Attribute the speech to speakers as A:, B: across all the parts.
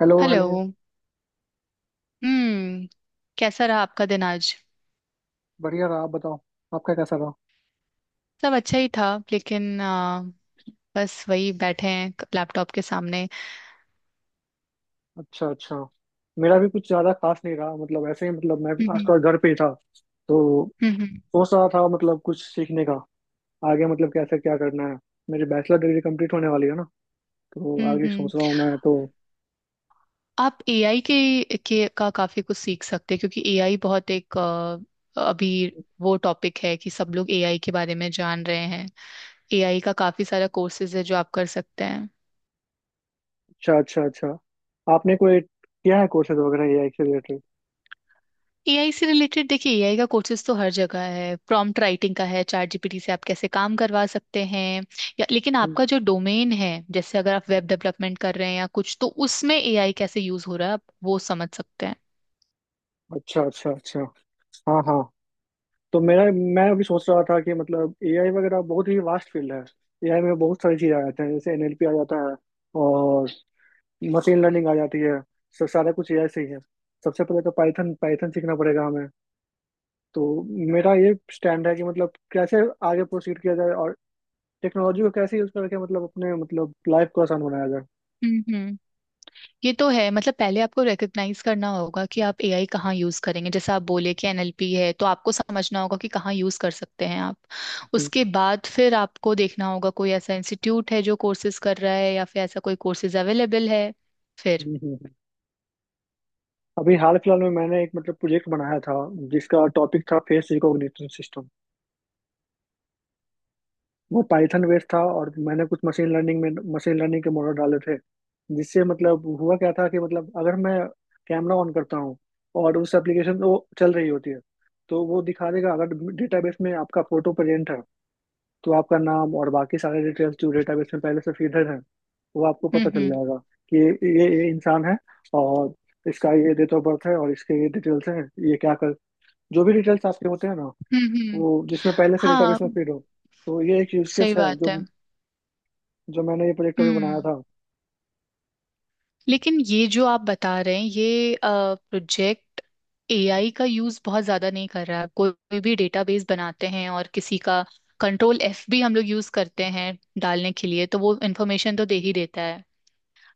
A: Hello,
B: hello.
A: Hello.
B: हम्म। कैसा रहा आपका दिन आज?
A: बढ़िया रहा, आप बताओ, आपका कैसा रहा?
B: सब अच्छा ही था, लेकिन बस वही बैठे हैं लैपटॉप के सामने।
A: अच्छा, अच्छा। मेरा भी कुछ ज्यादा खास नहीं रहा, मतलब ऐसे ही। मतलब मैं आज
B: हम्म।
A: थोड़ा घर पे ही था, तो
B: हम्म। हम्म।
A: सोच रहा था मतलब कुछ सीखने का, आगे मतलब कैसे क्या करना है। मेरी बैचलर डिग्री कंप्लीट होने वाली है ना, तो
B: हम्म।
A: आगे सोच रहा
B: हम्म।
A: हूँ मैं तो।
B: आप एआई के का काफी कुछ सीख सकते हैं, क्योंकि एआई बहुत एक अभी वो टॉपिक है कि सब लोग एआई के बारे में जान रहे हैं। एआई का काफी सारा कोर्सेज है जो आप कर सकते हैं।
A: अच्छा, अच्छा, अच्छा। आपने कोई किया है कोर्सेज वगैरह एआई से रिलेटेड?
B: एआई से रिलेटेड देखिए, एआई का कोर्सेज तो हर जगह है, प्रॉम्प्ट राइटिंग का है, चैट जीपीटी से आप कैसे काम करवा सकते हैं, या लेकिन
A: हम्म,
B: आपका जो डोमेन है, जैसे अगर आप
A: हम्म।
B: वेब डेवलपमेंट कर रहे हैं या कुछ, तो उसमें एआई कैसे यूज हो रहा है आप वो समझ सकते हैं।
A: अच्छा, अच्छा, अच्छा। हाँ, हाँ। तो मेरा मैं अभी सोच रहा था कि मतलब एआई वगैरह बहुत ही वास्ट फील्ड है। एआई में बहुत सारी चीज़ें आ जाती हैं, जैसे एनएलपी आ जाता है और मशीन लर्निंग आ जाती है। सब सारा कुछ एआई से ही है। सबसे पहले तो पाइथन पाइथन सीखना पड़ेगा हमें। तो मेरा ये स्टैंड है कि मतलब कैसे आगे प्रोसीड किया जाए और टेक्नोलॉजी को कैसे यूज करके मतलब अपने मतलब लाइफ को आसान बनाया जाए।
B: हम्म। हम्म। ये तो है, मतलब पहले आपको रिकग्नाइज करना होगा कि आप एआई कहाँ यूज करेंगे। जैसे आप बोले कि एनएलपी है, तो आपको समझना होगा कि कहाँ यूज कर सकते हैं आप।
A: हम्म,
B: उसके बाद फिर आपको देखना होगा कोई ऐसा इंस्टीट्यूट है जो कोर्सेज कर रहा है या फिर ऐसा कोई कोर्सेज अवेलेबल है।
A: हम्म, हम्म। अभी हाल फिलहाल में मैंने एक मतलब प्रोजेक्ट बनाया था, जिसका टॉपिक था फेस रिकॉग्निशन सिस्टम। वो पाइथन बेस्ड था और मैंने कुछ मशीन लर्निंग के मॉडल डाले थे। जिससे मतलब हुआ क्या था कि मतलब अगर मैं कैमरा ऑन करता हूँ और उस एप्लीकेशन वो चल रही होती है, तो वो दिखा देगा अगर डेटाबेस में आपका फोटो प्रेजेंट है, तो आपका नाम और बाकी सारे डिटेल्स जो डेटाबेस में पहले से फीडर हैं वो आपको
B: हम्म।
A: पता चल
B: हम्म।
A: जाएगा कि ये इंसान है और इसका ये डेट ऑफ बर्थ है और इसके ये डिटेल्स हैं। ये क्या कर, जो भी डिटेल्स आपके होते हैं ना,
B: हम्म। हम्म।
A: वो जिसमें पहले से
B: हाँ,
A: डेटाबेस में फीड हो। तो ये एक यूज
B: सही
A: केस है
B: बात
A: जो
B: है।
A: जो मैंने ये प्रोजेक्ट अभी बनाया
B: हम्म।
A: था।
B: लेकिन ये जो आप बता रहे हैं, ये प्रोजेक्ट एआई का यूज बहुत ज्यादा नहीं कर रहा है। कोई भी डेटाबेस बनाते हैं और किसी का कंट्रोल एफ भी हम लोग यूज करते हैं डालने के लिए, तो वो इन्फॉर्मेशन तो दे ही देता है।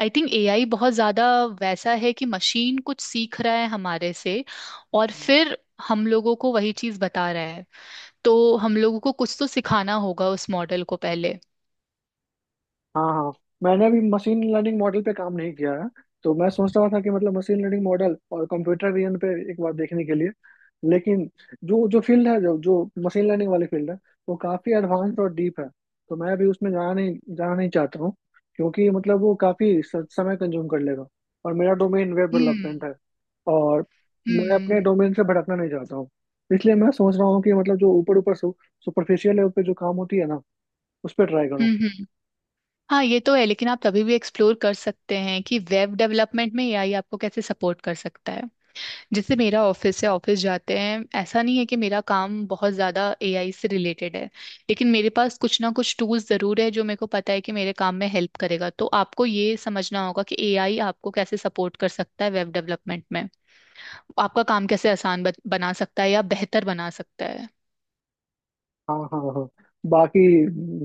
B: आई थिंक एआई बहुत ज्यादा वैसा है कि मशीन कुछ सीख रहा है हमारे से, और
A: हम्म।
B: फिर हम लोगों को वही चीज बता रहा है। तो हम लोगों को कुछ तो सिखाना होगा उस मॉडल को पहले।
A: हाँ, हाँ। मैंने अभी मशीन लर्निंग मॉडल पे काम नहीं किया है, तो मैं सोच रहा था कि मतलब मशीन लर्निंग मॉडल और कंप्यूटर विजन पे एक बार देखने के लिए। लेकिन जो जो फील्ड है, जो जो मशीन लर्निंग वाली फील्ड है, वो काफ़ी एडवांस और डीप है। तो मैं अभी उसमें जाना नहीं चाहता हूँ, क्योंकि मतलब वो काफ़ी समय कंज्यूम कर लेगा और मेरा डोमेन वेब डेवलपमेंट
B: हम्म।
A: है। और मैं अपने
B: हम्म।
A: डोमेन से भटकना नहीं चाहता हूँ। इसलिए मैं सोच रहा हूँ कि मतलब जो ऊपर ऊपर सुपरफिशियल लेवल पे जो काम होती है ना, उस पर ट्राई करूँ।
B: हम्म। हम्म। हाँ, ये तो है, लेकिन आप तभी भी एक्सप्लोर कर सकते हैं कि वेब डेवलपमेंट में एआई आपको कैसे सपोर्ट कर सकता है। जैसे मेरा ऑफिस है, ऑफिस जाते हैं, ऐसा नहीं है कि मेरा काम बहुत ज्यादा एआई से रिलेटेड है, लेकिन मेरे पास कुछ ना कुछ टूल्स जरूर है जो मेरे को पता है कि मेरे काम में हेल्प करेगा। तो आपको ये समझना होगा कि एआई आपको कैसे सपोर्ट कर सकता है वेब डेवलपमेंट में, आपका काम कैसे आसान बना सकता है या बेहतर बना सकता है।
A: हाँ, हाँ, हाँ। बाकी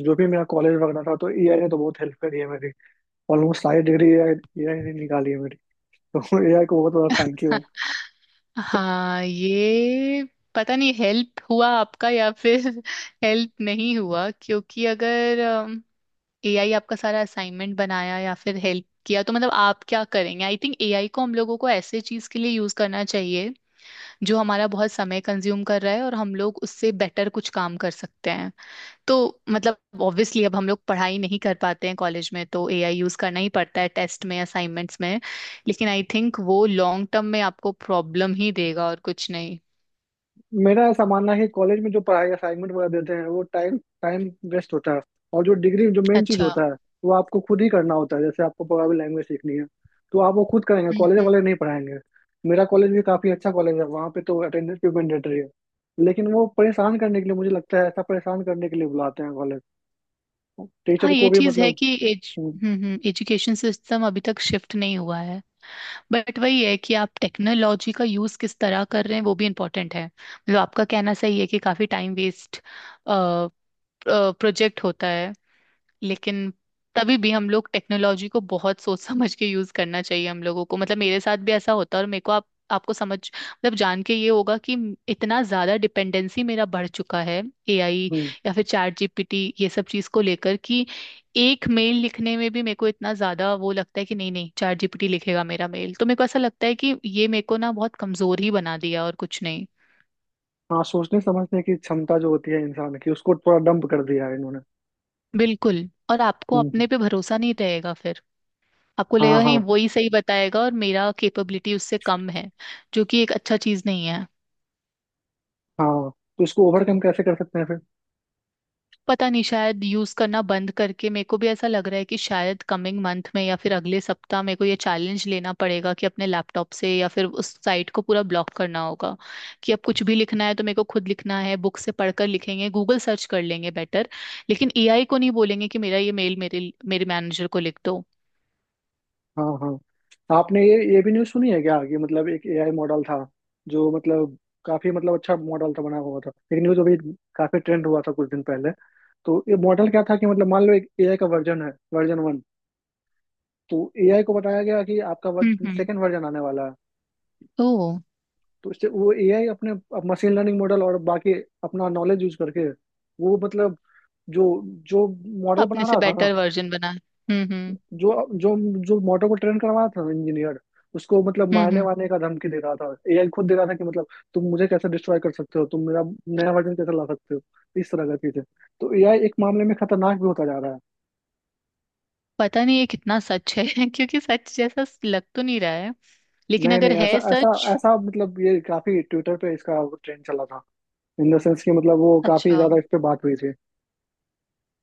A: जो भी मेरा कॉलेज वगैरह था, तो एआई ने तो बहुत हेल्प करी है मेरी। ऑलमोस्ट सारी डिग्री एआई एआई ने निकाली है मेरी तो एआई को बहुत बड़ा थैंक यू।
B: हाँ, ये पता नहीं हेल्प हुआ आपका या फिर हेल्प नहीं हुआ, क्योंकि अगर एआई आपका सारा असाइनमेंट बनाया या फिर हेल्प किया, तो मतलब आप क्या करेंगे। आई थिंक एआई को हम लोगों को ऐसे चीज के लिए यूज करना चाहिए जो हमारा बहुत समय कंज्यूम कर रहा है और हम लोग उससे बेटर कुछ काम कर सकते हैं। तो मतलब ऑब्वियसली अब हम लोग पढ़ाई नहीं कर पाते हैं कॉलेज में, तो एआई यूज करना ही पड़ता है टेस्ट में, असाइनमेंट्स में। लेकिन आई थिंक वो लॉन्ग टर्म में आपको प्रॉब्लम ही देगा और कुछ नहीं।
A: मेरा ऐसा मानना है कि कॉलेज में जो पढ़ाई असाइनमेंट वगैरह देते हैं, वो टाइम टाइम वेस्ट होता है। और जो डिग्री, जो मेन चीज
B: अच्छा।
A: होता है, वो आपको खुद ही करना होता है। जैसे आपको प्रोग्रामिंग लैंग्वेज सीखनी है, तो आप वो खुद करेंगे,
B: हम्म।
A: कॉलेज
B: हम्म।
A: वाले नहीं पढ़ाएंगे। मेरा कॉलेज भी काफी अच्छा कॉलेज है, वहाँ पे तो अटेंडेंस भी मैंडेटरी है। लेकिन वो परेशान करने के लिए, मुझे लगता है ऐसा परेशान करने के लिए बुलाते हैं कॉलेज,
B: हाँ,
A: टीचर को
B: ये
A: भी
B: चीज है
A: मतलब।
B: कि एज
A: हम्म,
B: एजुकेशन सिस्टम अभी तक शिफ्ट नहीं हुआ है। बट वही है कि आप टेक्नोलॉजी का यूज किस तरह कर रहे हैं वो भी इम्पोर्टेंट है। मतलब आपका कहना सही है कि काफी टाइम वेस्ट प्रोजेक्ट होता है, लेकिन तभी भी हम लोग टेक्नोलॉजी को बहुत सोच समझ के यूज करना चाहिए हम लोगों को। मतलब मेरे साथ भी ऐसा होता है, और मेरे को आप आपको समझ मतलब जान के ये होगा कि इतना ज्यादा डिपेंडेंसी मेरा बढ़ चुका है एआई
A: हम्म।
B: या फिर चैट जीपीटी, ये सब चीज को लेकर, कि एक मेल लिखने में भी मेरे को इतना ज्यादा वो लगता है कि नहीं, नहीं, चैट जीपीटी लिखेगा मेरा मेल। तो मेरे को ऐसा लगता है कि ये मेरे को ना बहुत कमजोर ही बना दिया, और कुछ नहीं।
A: हाँ, सोचने समझने की क्षमता जो होती है इंसान की, उसको थोड़ा डंप कर दिया है इन्होंने।
B: बिल्कुल। और आपको
A: हम्म।
B: अपने पे भरोसा नहीं रहेगा फिर। आपको
A: हाँ,
B: लगेगा
A: हाँ,
B: नहीं, वही सही बताएगा और मेरा कैपेबिलिटी उससे कम है, जो कि एक अच्छा चीज नहीं है।
A: हाँ। तो इसको ओवरकम कैसे कर सकते हैं फिर?
B: पता नहीं, शायद यूज करना बंद करके। मेरे को भी ऐसा लग रहा है कि शायद कमिंग मंथ में या फिर अगले सप्ताह मेरे को ये चैलेंज लेना पड़ेगा कि अपने लैपटॉप से या फिर उस साइट को पूरा ब्लॉक करना होगा, कि अब कुछ भी लिखना है तो मेरे को खुद लिखना है। बुक से पढ़कर लिखेंगे, गूगल सर्च कर लेंगे बेटर। लेकिन एआई को नहीं बोलेंगे कि मेरा ये मेल मेरे मेरे मैनेजर को लिख दो।
A: हाँ, हाँ। आपने ये भी न्यूज़ सुनी है क्या कि मतलब एक एआई मॉडल था, जो मतलब काफी मतलब अच्छा मॉडल था बना हुआ था। एक न्यूज़ अभी काफी ट्रेंड हुआ था कुछ दिन पहले। तो ये मॉडल क्या था कि मतलब मान लो एक एआई का वर्जन है, वर्जन 1। तो एआई को बताया गया कि आपका
B: हम्म। हम्म।
A: सेकंड वर्जन आने वाला है।
B: तो
A: तो उससे वो एआई अपने मशीन लर्निंग मॉडल और बाकी अपना नॉलेज यूज करके, वो मतलब जो जो मॉडल
B: अपने
A: बना
B: से
A: रहा था ना,
B: बेटर वर्जन बना। हम्म। हम्म।
A: जो जो जो मॉडल को ट्रेन करवा रहा था इंजीनियर, उसको मतलब
B: हम्म।
A: मारने
B: हम्म।
A: वारने का धमकी दे रहा था। एआई खुद दे रहा था कि मतलब तुम मुझे कैसे डिस्ट्रॉय कर सकते हो, तुम मेरा नया वर्जन कैसे ला सकते हो, इस तरह का चीजें। तो एआई एक मामले में खतरनाक भी होता जा रहा है।
B: पता नहीं ये कितना सच है, क्योंकि सच जैसा लग तो नहीं रहा है, लेकिन
A: नहीं,
B: अगर
A: नहीं। ऐसा
B: है
A: ऐसा
B: सच।
A: ऐसा मतलब, ये काफी ट्विटर पे इसका ट्रेंड चला था। इन द सेंस कि मतलब वो काफी
B: अच्छा।
A: ज्यादा इस पे बात हुई थी।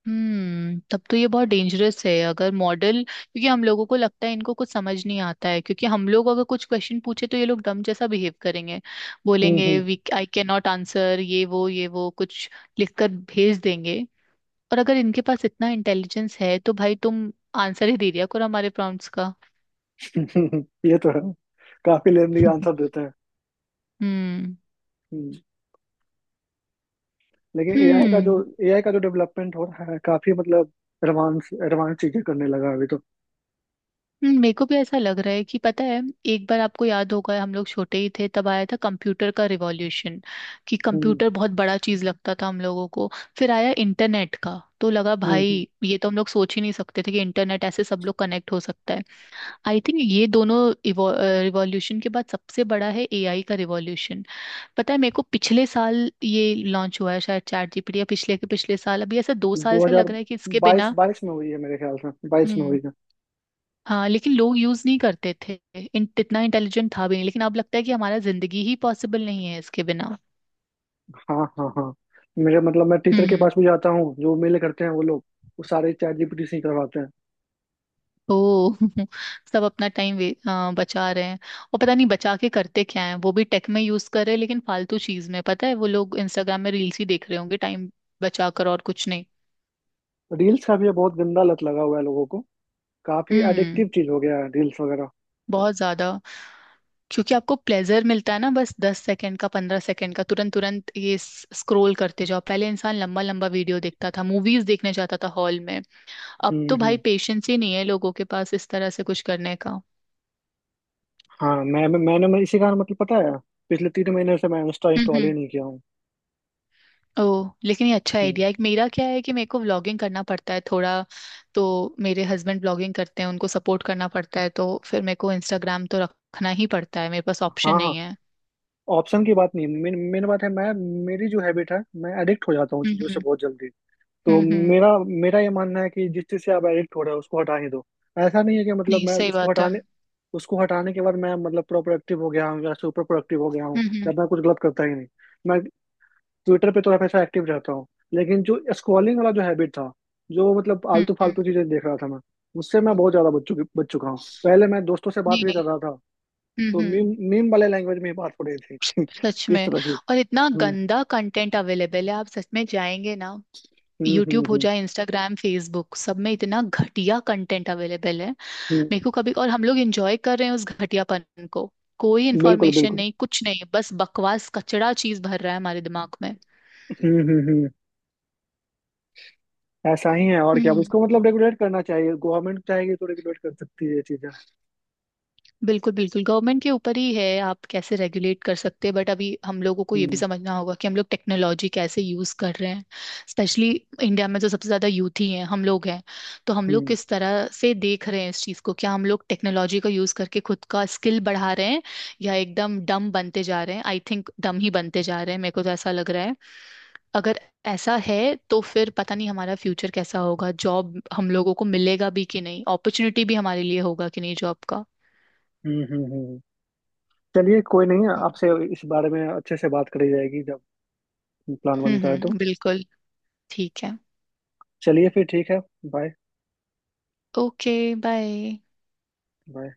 B: हम्म। तब तो ये बहुत डेंजरस है अगर मॉडल, क्योंकि हम लोगों को लगता है इनको कुछ समझ नहीं आता है। क्योंकि हम लोग अगर कुछ क्वेश्चन पूछे तो ये लोग डम जैसा बिहेव करेंगे,
A: हम्म,
B: बोलेंगे
A: हम्म।
B: We I cannot answer, ये वो कुछ लिखकर भेज देंगे। और अगर इनके पास इतना इंटेलिजेंस है, तो भाई तुम आंसर ही दे दिया करो हमारे प्रॉम्प्ट्स का।
A: ये तो है, काफी लेंदी आंसर देते हैं।
B: हम्म।
A: हम्म। लेकिन एआई का जो,
B: हम्म।
A: एआई का जो डेवलपमेंट हो रहा है, काफी मतलब एडवांस एडवांस चीजें करने लगा है अभी तो।
B: मेरे को भी ऐसा लग रहा है कि पता है, एक बार आपको याद होगा हम लोग छोटे ही थे तब आया था कंप्यूटर का रिवॉल्यूशन, कि
A: हम्म,
B: कंप्यूटर बहुत बड़ा चीज लगता था हम लोगों को। फिर आया इंटरनेट का, तो लगा
A: हम्म,
B: भाई ये तो हम लोग सोच ही नहीं सकते थे कि इंटरनेट ऐसे सब लोग कनेक्ट हो सकता है। आई थिंक ये दोनों रिवॉल्यूशन के बाद सबसे बड़ा है एआई का रिवॉल्यूशन। पता है मेरे को, पिछले साल ये लॉन्च हुआ है शायद चैट जीपीटी, या पिछले के पिछले साल। अभी ऐसा 2 साल
A: दो
B: से
A: हजार
B: लग रहा है कि इसके
A: बाईस
B: बिना।
A: बाईस में हुई है मेरे ख्याल से, 2022 में
B: हम्म,
A: हुई है।
B: हाँ लेकिन लोग यूज नहीं करते थे, इतना इंटेलिजेंट था भी नहीं, लेकिन अब लगता है कि हमारा जिंदगी ही पॉसिबल नहीं है इसके बिना।
A: हाँ, हाँ, हाँ। मेरे मतलब मैं टीचर के
B: हम्म।
A: पास भी जाता हूँ, जो मेले करते हैं वो लोग। वो सारे चैट जीपीटी से ही करवाते हैं।
B: ओ, सब अपना टाइम बचा रहे हैं। और पता नहीं बचा के करते क्या है, वो भी टेक में यूज कर रहे हैं, लेकिन फालतू चीज में। पता है वो लोग इंस्टाग्राम में रील्स ही देख रहे होंगे, टाइम बचा कर और कुछ नहीं।
A: रील्स का भी ये बहुत गंदा लत लगा हुआ है लोगों को। काफी एडिक्टिव
B: हम्म।
A: चीज हो गया है रील्स वगैरह।
B: बहुत ज्यादा, क्योंकि आपको प्लेजर मिलता है ना, बस 10 सेकंड का, 15 सेकंड का, तुरंत तुरंत ये स्क्रोल करते जाओ। पहले इंसान लंबा लंबा वीडियो देखता था, मूवीज देखने जाता था हॉल में। अब
A: हम्म,
B: तो भाई
A: हम्म।
B: पेशेंस ही नहीं है लोगों के पास इस तरह से कुछ करने का।
A: हाँ, मैं- मैंने मैं इसी कारण, मतलब पता है, पिछले 3 महीने से मैं इंस्टा
B: हम्म।
A: इंस्टॉल ही
B: हम्म।
A: नहीं किया हूँ।
B: ओह, लेकिन ये अच्छा
A: हम्म।
B: आइडिया है। मेरा क्या है कि मेरे को व्लॉगिंग करना पड़ता है थोड़ा, तो मेरे हस्बैंड व्लॉगिंग करते हैं, उनको सपोर्ट करना पड़ता है, तो फिर मेरे को इंस्टाग्राम तो रखना ही पड़ता है, मेरे पास ऑप्शन
A: हाँ, हाँ।
B: नहीं है।
A: ऑप्शन की बात नहीं, मेन मेन बात है। मैं मेरी जो हैबिट है, मैं एडिक्ट हो जाता हूँ
B: हम्म।
A: चीज़ों से
B: हम्म।
A: बहुत जल्दी। तो
B: हम्म। हम्म।
A: मेरा मेरा ये मानना है कि जिस चीज़ से आप एडिक्ट हो रहे हो उसको हटा ही दो। ऐसा नहीं है कि मतलब
B: नहीं,
A: मैं
B: सही
A: उसको
B: बात है।
A: हटाने उसको हटाने के बाद मैं मतलब प्रोडक्टिव हो गया हूँ या सुपर प्रोडक्टिव हो गया हूँ
B: हम्म। हम्म।
A: या मैं कुछ गलत करता ही नहीं। मैं ट्विटर पे तो हमेशा एक्टिव रहता हूँ। लेकिन जो स्क्रॉलिंग वाला जो हैबिट था, जो मतलब
B: हम्म।
A: आलतू
B: हम्म।
A: फालतू चीजें देख रहा था मैं, उससे मैं बहुत ज्यादा बच चुका हूँ। पहले मैं दोस्तों से बात
B: नहीं,
A: भी कर
B: नहीं।
A: रहा था
B: हम्म।
A: तो
B: हम्म।
A: मीम मीम वाले लैंग्वेज में ही बात हो रही थी
B: सच
A: इस
B: में,
A: तरह की।
B: और इतना
A: हम्म,
B: गंदा कंटेंट अवेलेबल है, आप सच में जाएंगे ना।
A: हम्म, हम्म।
B: यूट्यूब हो
A: हम्म,
B: जाए, इंस्टाग्राम, फेसबुक, सब में इतना घटिया कंटेंट अवेलेबल है
A: हम्म।
B: मेरे को कभी, और हम लोग एंजॉय कर रहे हैं उस घटियापन को। कोई
A: बिल्कुल,
B: इन्फॉर्मेशन
A: बिल्कुल।
B: नहीं, कुछ नहीं, बस बकवास, कचड़ा चीज भर रहा है हमारे दिमाग में।
A: हम्म, हम्म, हम्म। ऐसा ही है। और क्या
B: हम्म।
A: उसको मतलब रेगुलेट करना चाहिए, गवर्नमेंट चाहेगी तो रेगुलेट कर सकती है ये चीजें।
B: बिल्कुल, बिल्कुल। गवर्नमेंट के ऊपर ही है आप कैसे रेगुलेट कर सकते हैं, बट अभी हम लोगों को ये भी
A: हम्म,
B: समझना होगा कि हम लोग टेक्नोलॉजी कैसे यूज कर रहे हैं। स्पेशली इंडिया में तो सबसे ज्यादा यूथ ही है हम लोग हैं, तो हम लोग
A: हम्म,
B: किस तरह से देख रहे हैं इस चीज को, क्या हम लोग टेक्नोलॉजी का यूज करके खुद का स्किल बढ़ा रहे हैं, या एकदम डम बनते जा रहे हैं। आई थिंक डम ही बनते जा रहे हैं, मेरे को तो ऐसा लग रहा है। अगर ऐसा है तो फिर पता नहीं हमारा फ्यूचर कैसा होगा, जॉब हम लोगों को मिलेगा भी कि नहीं, अपॉर्चुनिटी भी हमारे लिए होगा कि नहीं जॉब का।
A: हम्म। हम्म, चलिए, कोई नहीं, आपसे इस बारे में अच्छे से बात करी जाएगी जब प्लान
B: हम्म।
A: बनता है तो।
B: हम्म। बिल्कुल। ठीक है।
A: चलिए फिर, ठीक है। बाय।
B: ओके। बाय।
A: बाय।